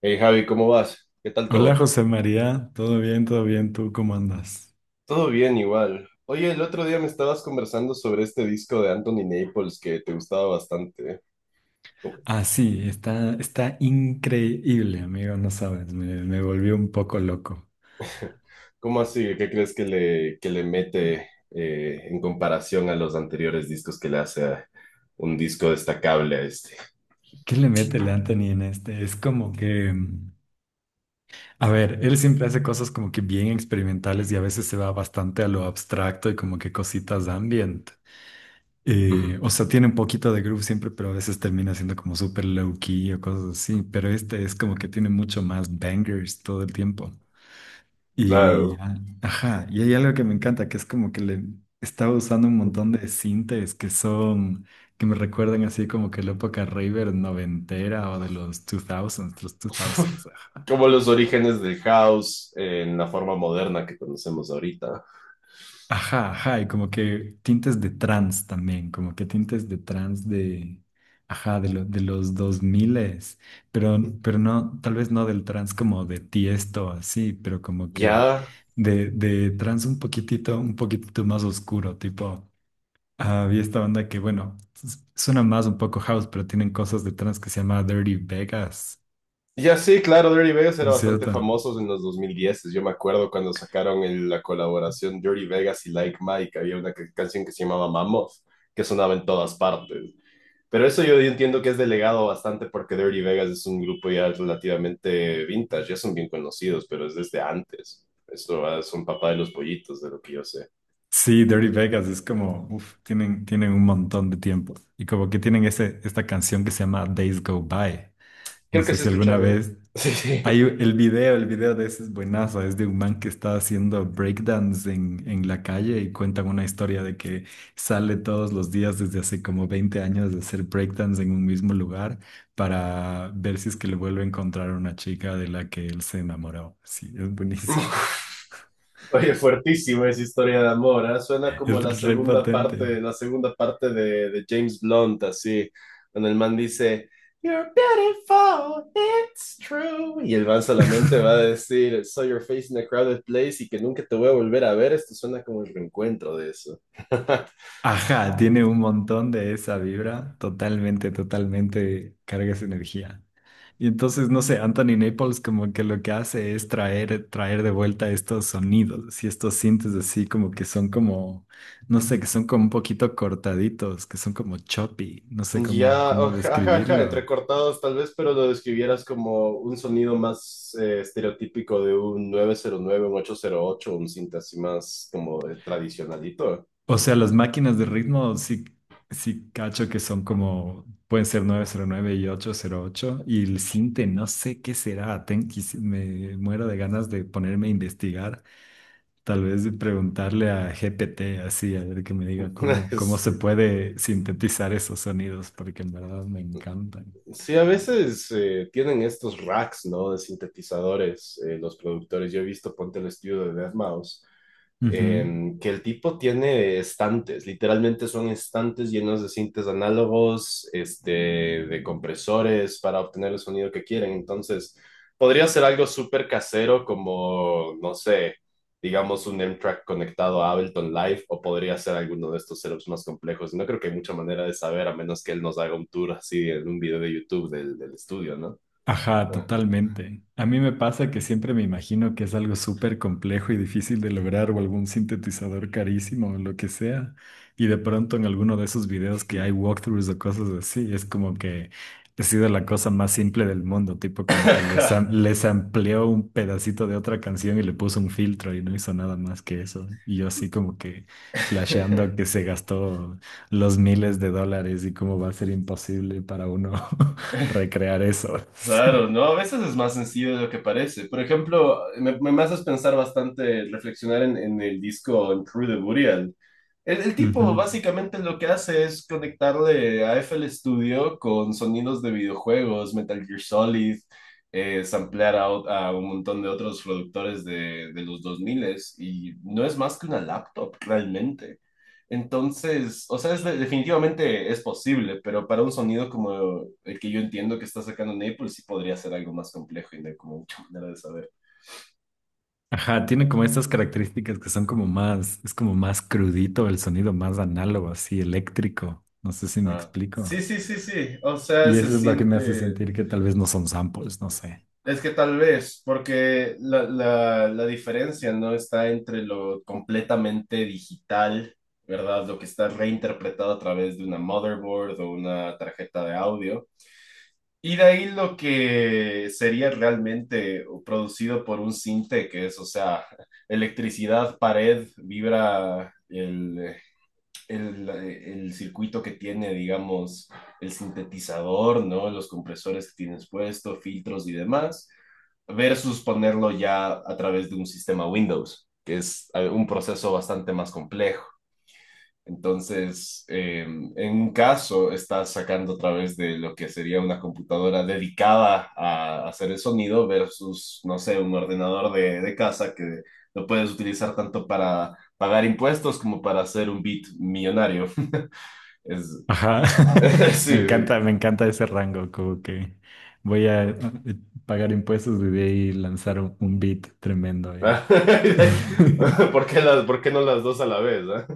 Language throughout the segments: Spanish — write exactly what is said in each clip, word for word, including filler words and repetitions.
Hey Javi, ¿cómo vas? ¿Qué tal Hola todo? José María, todo bien, todo bien, ¿tú cómo andas? Todo bien igual. Oye, el otro día me estabas conversando sobre este disco de Anthony Naples que te gustaba bastante. ¿Cómo, Ah, sí, está, está increíble, amigo, no sabes, me, me volvió un poco loco. cómo así? ¿Qué crees que le, que le mete eh, en comparación a los anteriores discos que le hace a un disco destacable a este? ¿Qué le mete el Anthony en este? Es como que, mm, a ver, él siempre hace cosas como que bien experimentales y a veces se va bastante a lo abstracto y como que cositas ambient. Eh, Ujú. O sea, tiene un poquito de groove siempre, pero a veces termina siendo como súper low key o cosas así, pero este es como que tiene mucho más bangers todo el tiempo. Y, Claro. ah, ajá, y hay algo que me encanta, que es como que le estaba usando un montón de sintes que son, que me recuerdan así como que la época raver noventera o de los dos miles, los dos miles, ajá. Como los orígenes del house en la forma moderna que conocemos ahorita. Ajá, ajá, y como que tintes de trans también, como que tintes de trans de, ajá, de, lo- de los dos s pero, pero no, tal vez no del trans como de Tiesto así, pero como que Ya, de, de trans un poquitito, un poquitito más oscuro, tipo. Había esta banda que, bueno, s- suena más un poco house, pero tienen cosas de trance que se llama Dirty Vegas, ya sí, claro, Dirty Vegas era ¿no es bastante cierto? famosos en los dos mil diez. Yo me acuerdo cuando sacaron el- la colaboración Dirty Vegas y Like Mike, había una ca- canción que se llamaba Mammoth, que sonaba en todas partes. Pero eso yo entiendo que es delegado bastante porque Dirty Vegas es un grupo ya relativamente vintage, ya son bien conocidos, pero es desde antes. Esto ah, son papá de los pollitos, de lo que yo sé. Sí, Dirty Vegas es como, uff, tienen, tienen un montón de tiempo. Y como que tienen ese, esta canción que se llama Days Go By. No Creo que sé sí he si alguna escuchado. vez. Sí, Hay sí. el video, el video de ese es buenazo, es de un man que está haciendo breakdance en, en la calle y cuentan una historia de que sale todos los días desde hace como veinte años de hacer breakdance en un mismo lugar para ver si es que le vuelve a encontrar una chica de la que él se enamoró. Sí, es buenísimo. Oye, fuertísimo esa historia de amor, ¿ah? Suena como Es la re segunda potente. parte, la segunda parte de, de James Blunt, así, cuando el man dice, You're beautiful, it's true. Y el man solamente va a decir, Saw your face in a crowded place y que nunca te voy a volver a ver. Esto suena como el reencuentro de eso. Ajá, tiene un montón de esa vibra, totalmente, totalmente carga esa energía. Y entonces, no sé, Anthony Naples como que lo que hace es traer, traer de vuelta estos sonidos y estos sintes así como que son como, no sé, que son como un poquito cortaditos, que son como choppy, no sé cómo, Ya, cómo jajaja, describirlo. entrecortados tal vez, pero lo describieras como un sonido más eh, estereotípico de un nueve cero nueve, un ocho cero ocho, un cinta así más como de tradicionalito. O sea, las máquinas de ritmo sí, sí cacho que son como, pueden ser nueve cero nueve y ocho cero ocho. Y el sinte, no sé qué será. Ten- quisi- me muero de ganas de ponerme a investigar. Tal vez de preguntarle a G P T así, a ver que me diga cómo, cómo se Sí, puede sintetizar esos sonidos, porque en verdad me encantan. sí, a veces eh, tienen estos racks, ¿no? De sintetizadores, eh, los productores. Yo he visto, ponte el estudio de deadmouse, em, que el tipo tiene estantes, literalmente son estantes llenos de cintas análogos, este, de compresores para obtener el sonido que quieren. Entonces, podría ser algo súper casero como, no sé, digamos un M-Track conectado a Ableton Live, o podría ser alguno de estos setups más complejos. No creo que hay mucha manera de saber a menos que él nos haga un tour así en un video de YouTube del, del estudio, ¿no? Ajá, Ah. totalmente. A mí me pasa que siempre me imagino que es algo súper complejo y difícil de lograr o algún sintetizador carísimo o lo que sea. Y de pronto en alguno de esos videos que hay walkthroughs o cosas así, es como que ha sido la cosa más simple del mundo, tipo como que les, am- les amplió un pedacito de otra canción y le puso un filtro y no hizo nada más que eso. Y yo así como que flasheando que se gastó los miles de dólares y cómo va a ser imposible para uno. Recrear eso. Claro, ¿no? A veces es más sencillo de lo que parece. Por ejemplo, me, me me haces pensar bastante, reflexionar en, en el disco en True the Burial. El, el tipo Ujú. básicamente lo que hace es conectarle a F L Studio con sonidos de videojuegos, Metal Gear Solid, eh, samplear a, o- a un montón de otros productores de, de los dos mil, y no es más que una laptop realmente. Entonces, o sea, es de- definitivamente es posible, pero para un sonido como el que yo entiendo que está sacando Naples, sí podría ser algo más complejo y no hay como mucha manera de saber. Ajá, tiene como estas características que son como más, es como más crudito el sonido, más análogo, así eléctrico. No sé si me Ah. Sí, explico. sí, sí, sí. O sea, Y se eso es lo que me hace siente. sentir que tal vez no son samples, no sé. Es que tal vez, porque la, la, la diferencia no está entre lo completamente digital, ¿verdad? Lo que está reinterpretado a través de una motherboard o una tarjeta de audio, y de ahí lo que sería realmente producido por un cinte, que es, o sea, electricidad, pared, vibra, el, el, el circuito que tiene, digamos, el sintetizador, ¿no? Los compresores que tienes puesto, filtros y demás, versus ponerlo ya a través de un sistema Windows, que es eh, un proceso bastante más complejo entonces, eh, en un caso, estás sacando a través de lo que sería una computadora dedicada a hacer el sonido versus, no sé, un ordenador de, de casa que lo puedes utilizar tanto para pagar impuestos como para hacer un beat millonario. Es, Ajá, sí, me sí. encanta, me encanta ese rango, como que voy a eh, pagar impuestos y de ahí lanzar un, un beat tremendo ahí. ¿Por qué las, por qué no las dos a la vez? ¿Ah?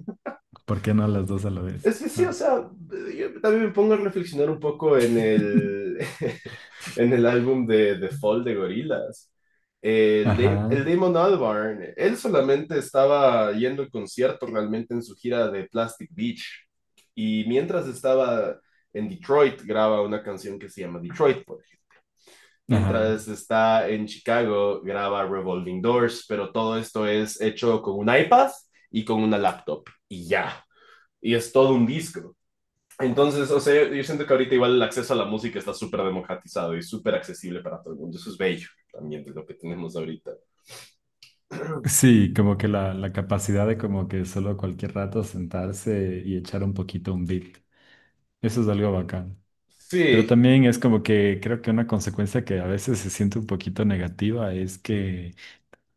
¿Por qué no las dos a la vez? Es que sí, o Ajá, sea, yo también me pongo a reflexionar un poco en el, en el álbum de The Fall de Gorillaz. El, Da- el ajá, Damon Albarn, él solamente estaba yendo al concierto realmente en su gira de Plastic Beach. Y mientras estaba en Detroit, graba una canción que se llama Detroit, por ejemplo. ajá. Mientras está en Chicago, graba Revolving Doors, pero todo esto es hecho con un iPad y con una laptop. Y ya. Y es todo un disco. Entonces, o sea, yo siento que ahorita igual el acceso a la música está súper democratizado y súper accesible para todo el mundo. Eso es bello también de lo que tenemos ahorita. Sí, como que la, la capacidad de como que solo cualquier rato sentarse y echar un poquito un beat. Eso es algo bacán. Pero Sí, también es como que creo que una consecuencia que a veces se siente un poquito negativa es que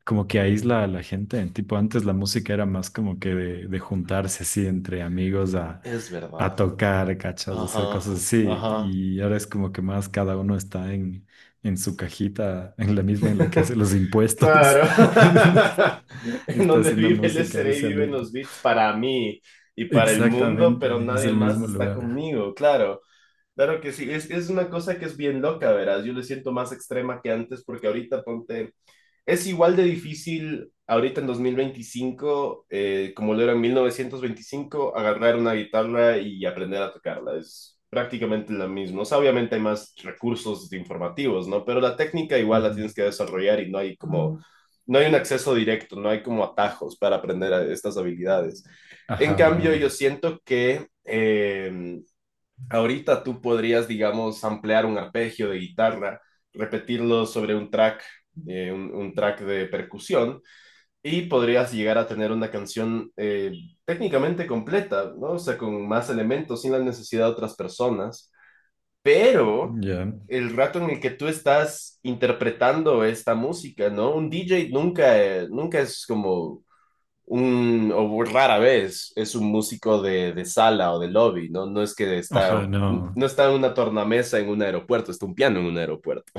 como que aísla a la gente. Tipo, antes la música era más como que de, de juntarse así entre amigos a, es a verdad. tocar, cachas, a hacer cosas Ajá, así. ajá. Y ahora es como que más cada uno está en, en su cajita, en la misma en la que hace los impuestos. Claro. Está, En está donde haciendo vive el música ahí S R A viven solito. los beats para mí y para el mundo, Exactamente, pero es nadie el más mismo está lugar. conmigo, claro. Claro que sí, es, es una cosa que es bien loca, verás. Yo le siento más extrema que antes porque ahorita ponte, es igual de difícil ahorita en dos mil veinticinco, eh, como lo era en mil novecientos veinticinco agarrar una guitarra y aprender a tocarla. Es prácticamente lo mismo. O sea, obviamente hay más recursos informativos, ¿no? Pero la técnica igual la Ujú. tienes que desarrollar y no hay como, no hay un acceso directo, no hay como atajos para aprender a- estas habilidades. En Ajá, cambio, yo no. siento que eh, ahorita tú podrías, digamos, ampliar un arpegio de guitarra, repetirlo sobre un track, eh, un, un, track de percusión, y podrías llegar a tener una canción eh, técnicamente completa, ¿no? O sea, con más elementos, sin la necesidad de otras personas. Pero Ya. el rato en el que tú estás interpretando esta música, ¿no? Un D J nunca, eh, nunca es como un, o rara vez es un músico de, de sala o de lobby, ¿no? No es que está, Ajá, no. no está en una tornamesa en un aeropuerto, está un piano en un aeropuerto.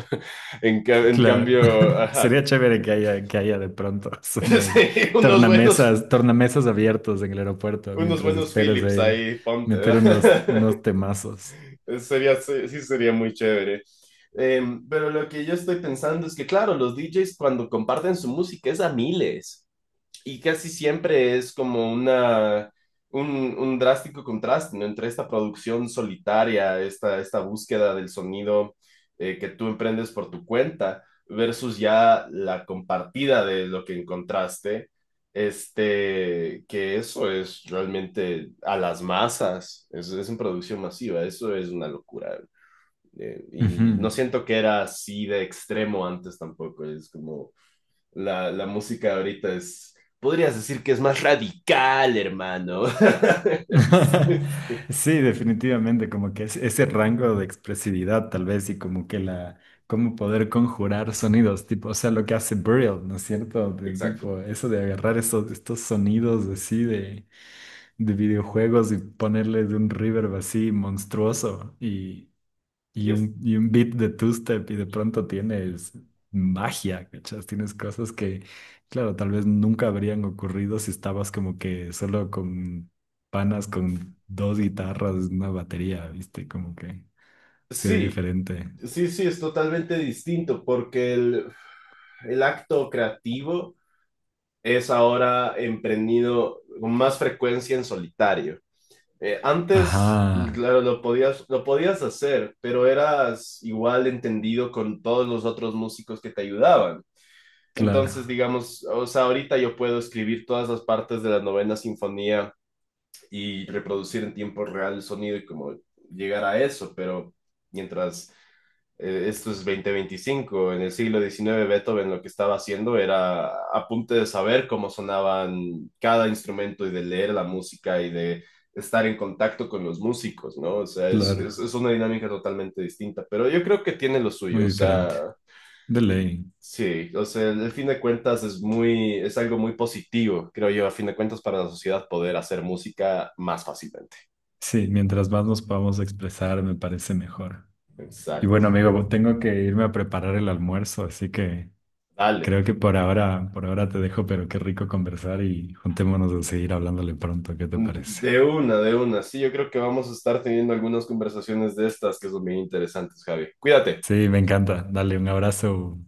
En, ca- en Claro, cambio, ajá, sería chévere que haya, que haya de pronto eso me- sí, unos buenos, tornamesas, tornamesas abiertos en el aeropuerto unos mientras buenos esperas Philips ahí ahí, ponte, meter unos, ¿verdad? unos temazos. Sería, sí, sí sería muy chévere. Em, pero lo que yo estoy pensando es que, claro, los D Js cuando comparten su música es a miles, y casi siempre es como una, un, un drástico contraste, ¿no? Entre esta producción solitaria, esta, esta búsqueda del sonido eh, que tú emprendes por tu cuenta, versus ya la compartida de lo que encontraste, este, que eso es realmente a las masas, es, es en producción masiva, eso es una locura. Eh, y no Ujú. siento que era así de extremo antes tampoco, es como la, la música ahorita es, podrías decir que es más radical, hermano. Sí, sí, Sí, definitivamente, como que es- ese rango de expresividad tal vez y como que la, cómo poder conjurar sonidos, tipo, o sea, lo que hace Burial, ¿no es cierto? De exacto. tipo, eso de agarrar esos, estos sonidos así de de videojuegos y ponerle de un reverb así monstruoso y, Y y un, y un beat de two-step y de pronto tienes magia, ¿cachas? Tienes cosas que, claro, tal vez nunca habrían ocurrido si estabas como que solo con panas, con dos guitarras, una batería, ¿viste? Como que se ve sí, diferente. sí, sí, es totalmente distinto porque el, el acto creativo es ahora emprendido con más frecuencia en solitario. Eh, antes, Ajá, claro, lo podías, lo podías hacer, pero eras igual entendido con todos los otros músicos que te ayudaban. Entonces, claro, digamos, o sea, ahorita yo puedo escribir todas las partes de la novena sinfonía y reproducir en tiempo real el sonido y como llegar a eso, pero mientras eh, esto es veinte veinticinco en el siglo diecinueve, Beethoven lo que estaba haciendo era apunte de saber cómo sonaban cada instrumento y de leer la música y de estar en contacto con los músicos, ¿no? O sea, es, es, claro, es una dinámica totalmente distinta, pero yo creo que tiene lo muy suyo, o sea, diferente. De ley. sí, o sea, al fin de cuentas es muy, es algo muy positivo, creo yo, a fin de cuentas para la sociedad poder hacer música más fácilmente. Sí, mientras más nos podamos expresar, me parece mejor. Y bueno, Exacto. amigo, tengo que irme a preparar el almuerzo, así que. Dale. Creo que por ahora, por ahora te dejo, pero qué rico conversar y juntémonos a seguir hablándole pronto, ¿qué te Mm, parece? de una, de una. Sí, yo creo que vamos a estar teniendo algunas conversaciones de estas que son bien interesantes, Javi. Cuídate. Sí, me encanta. Dale un abrazo.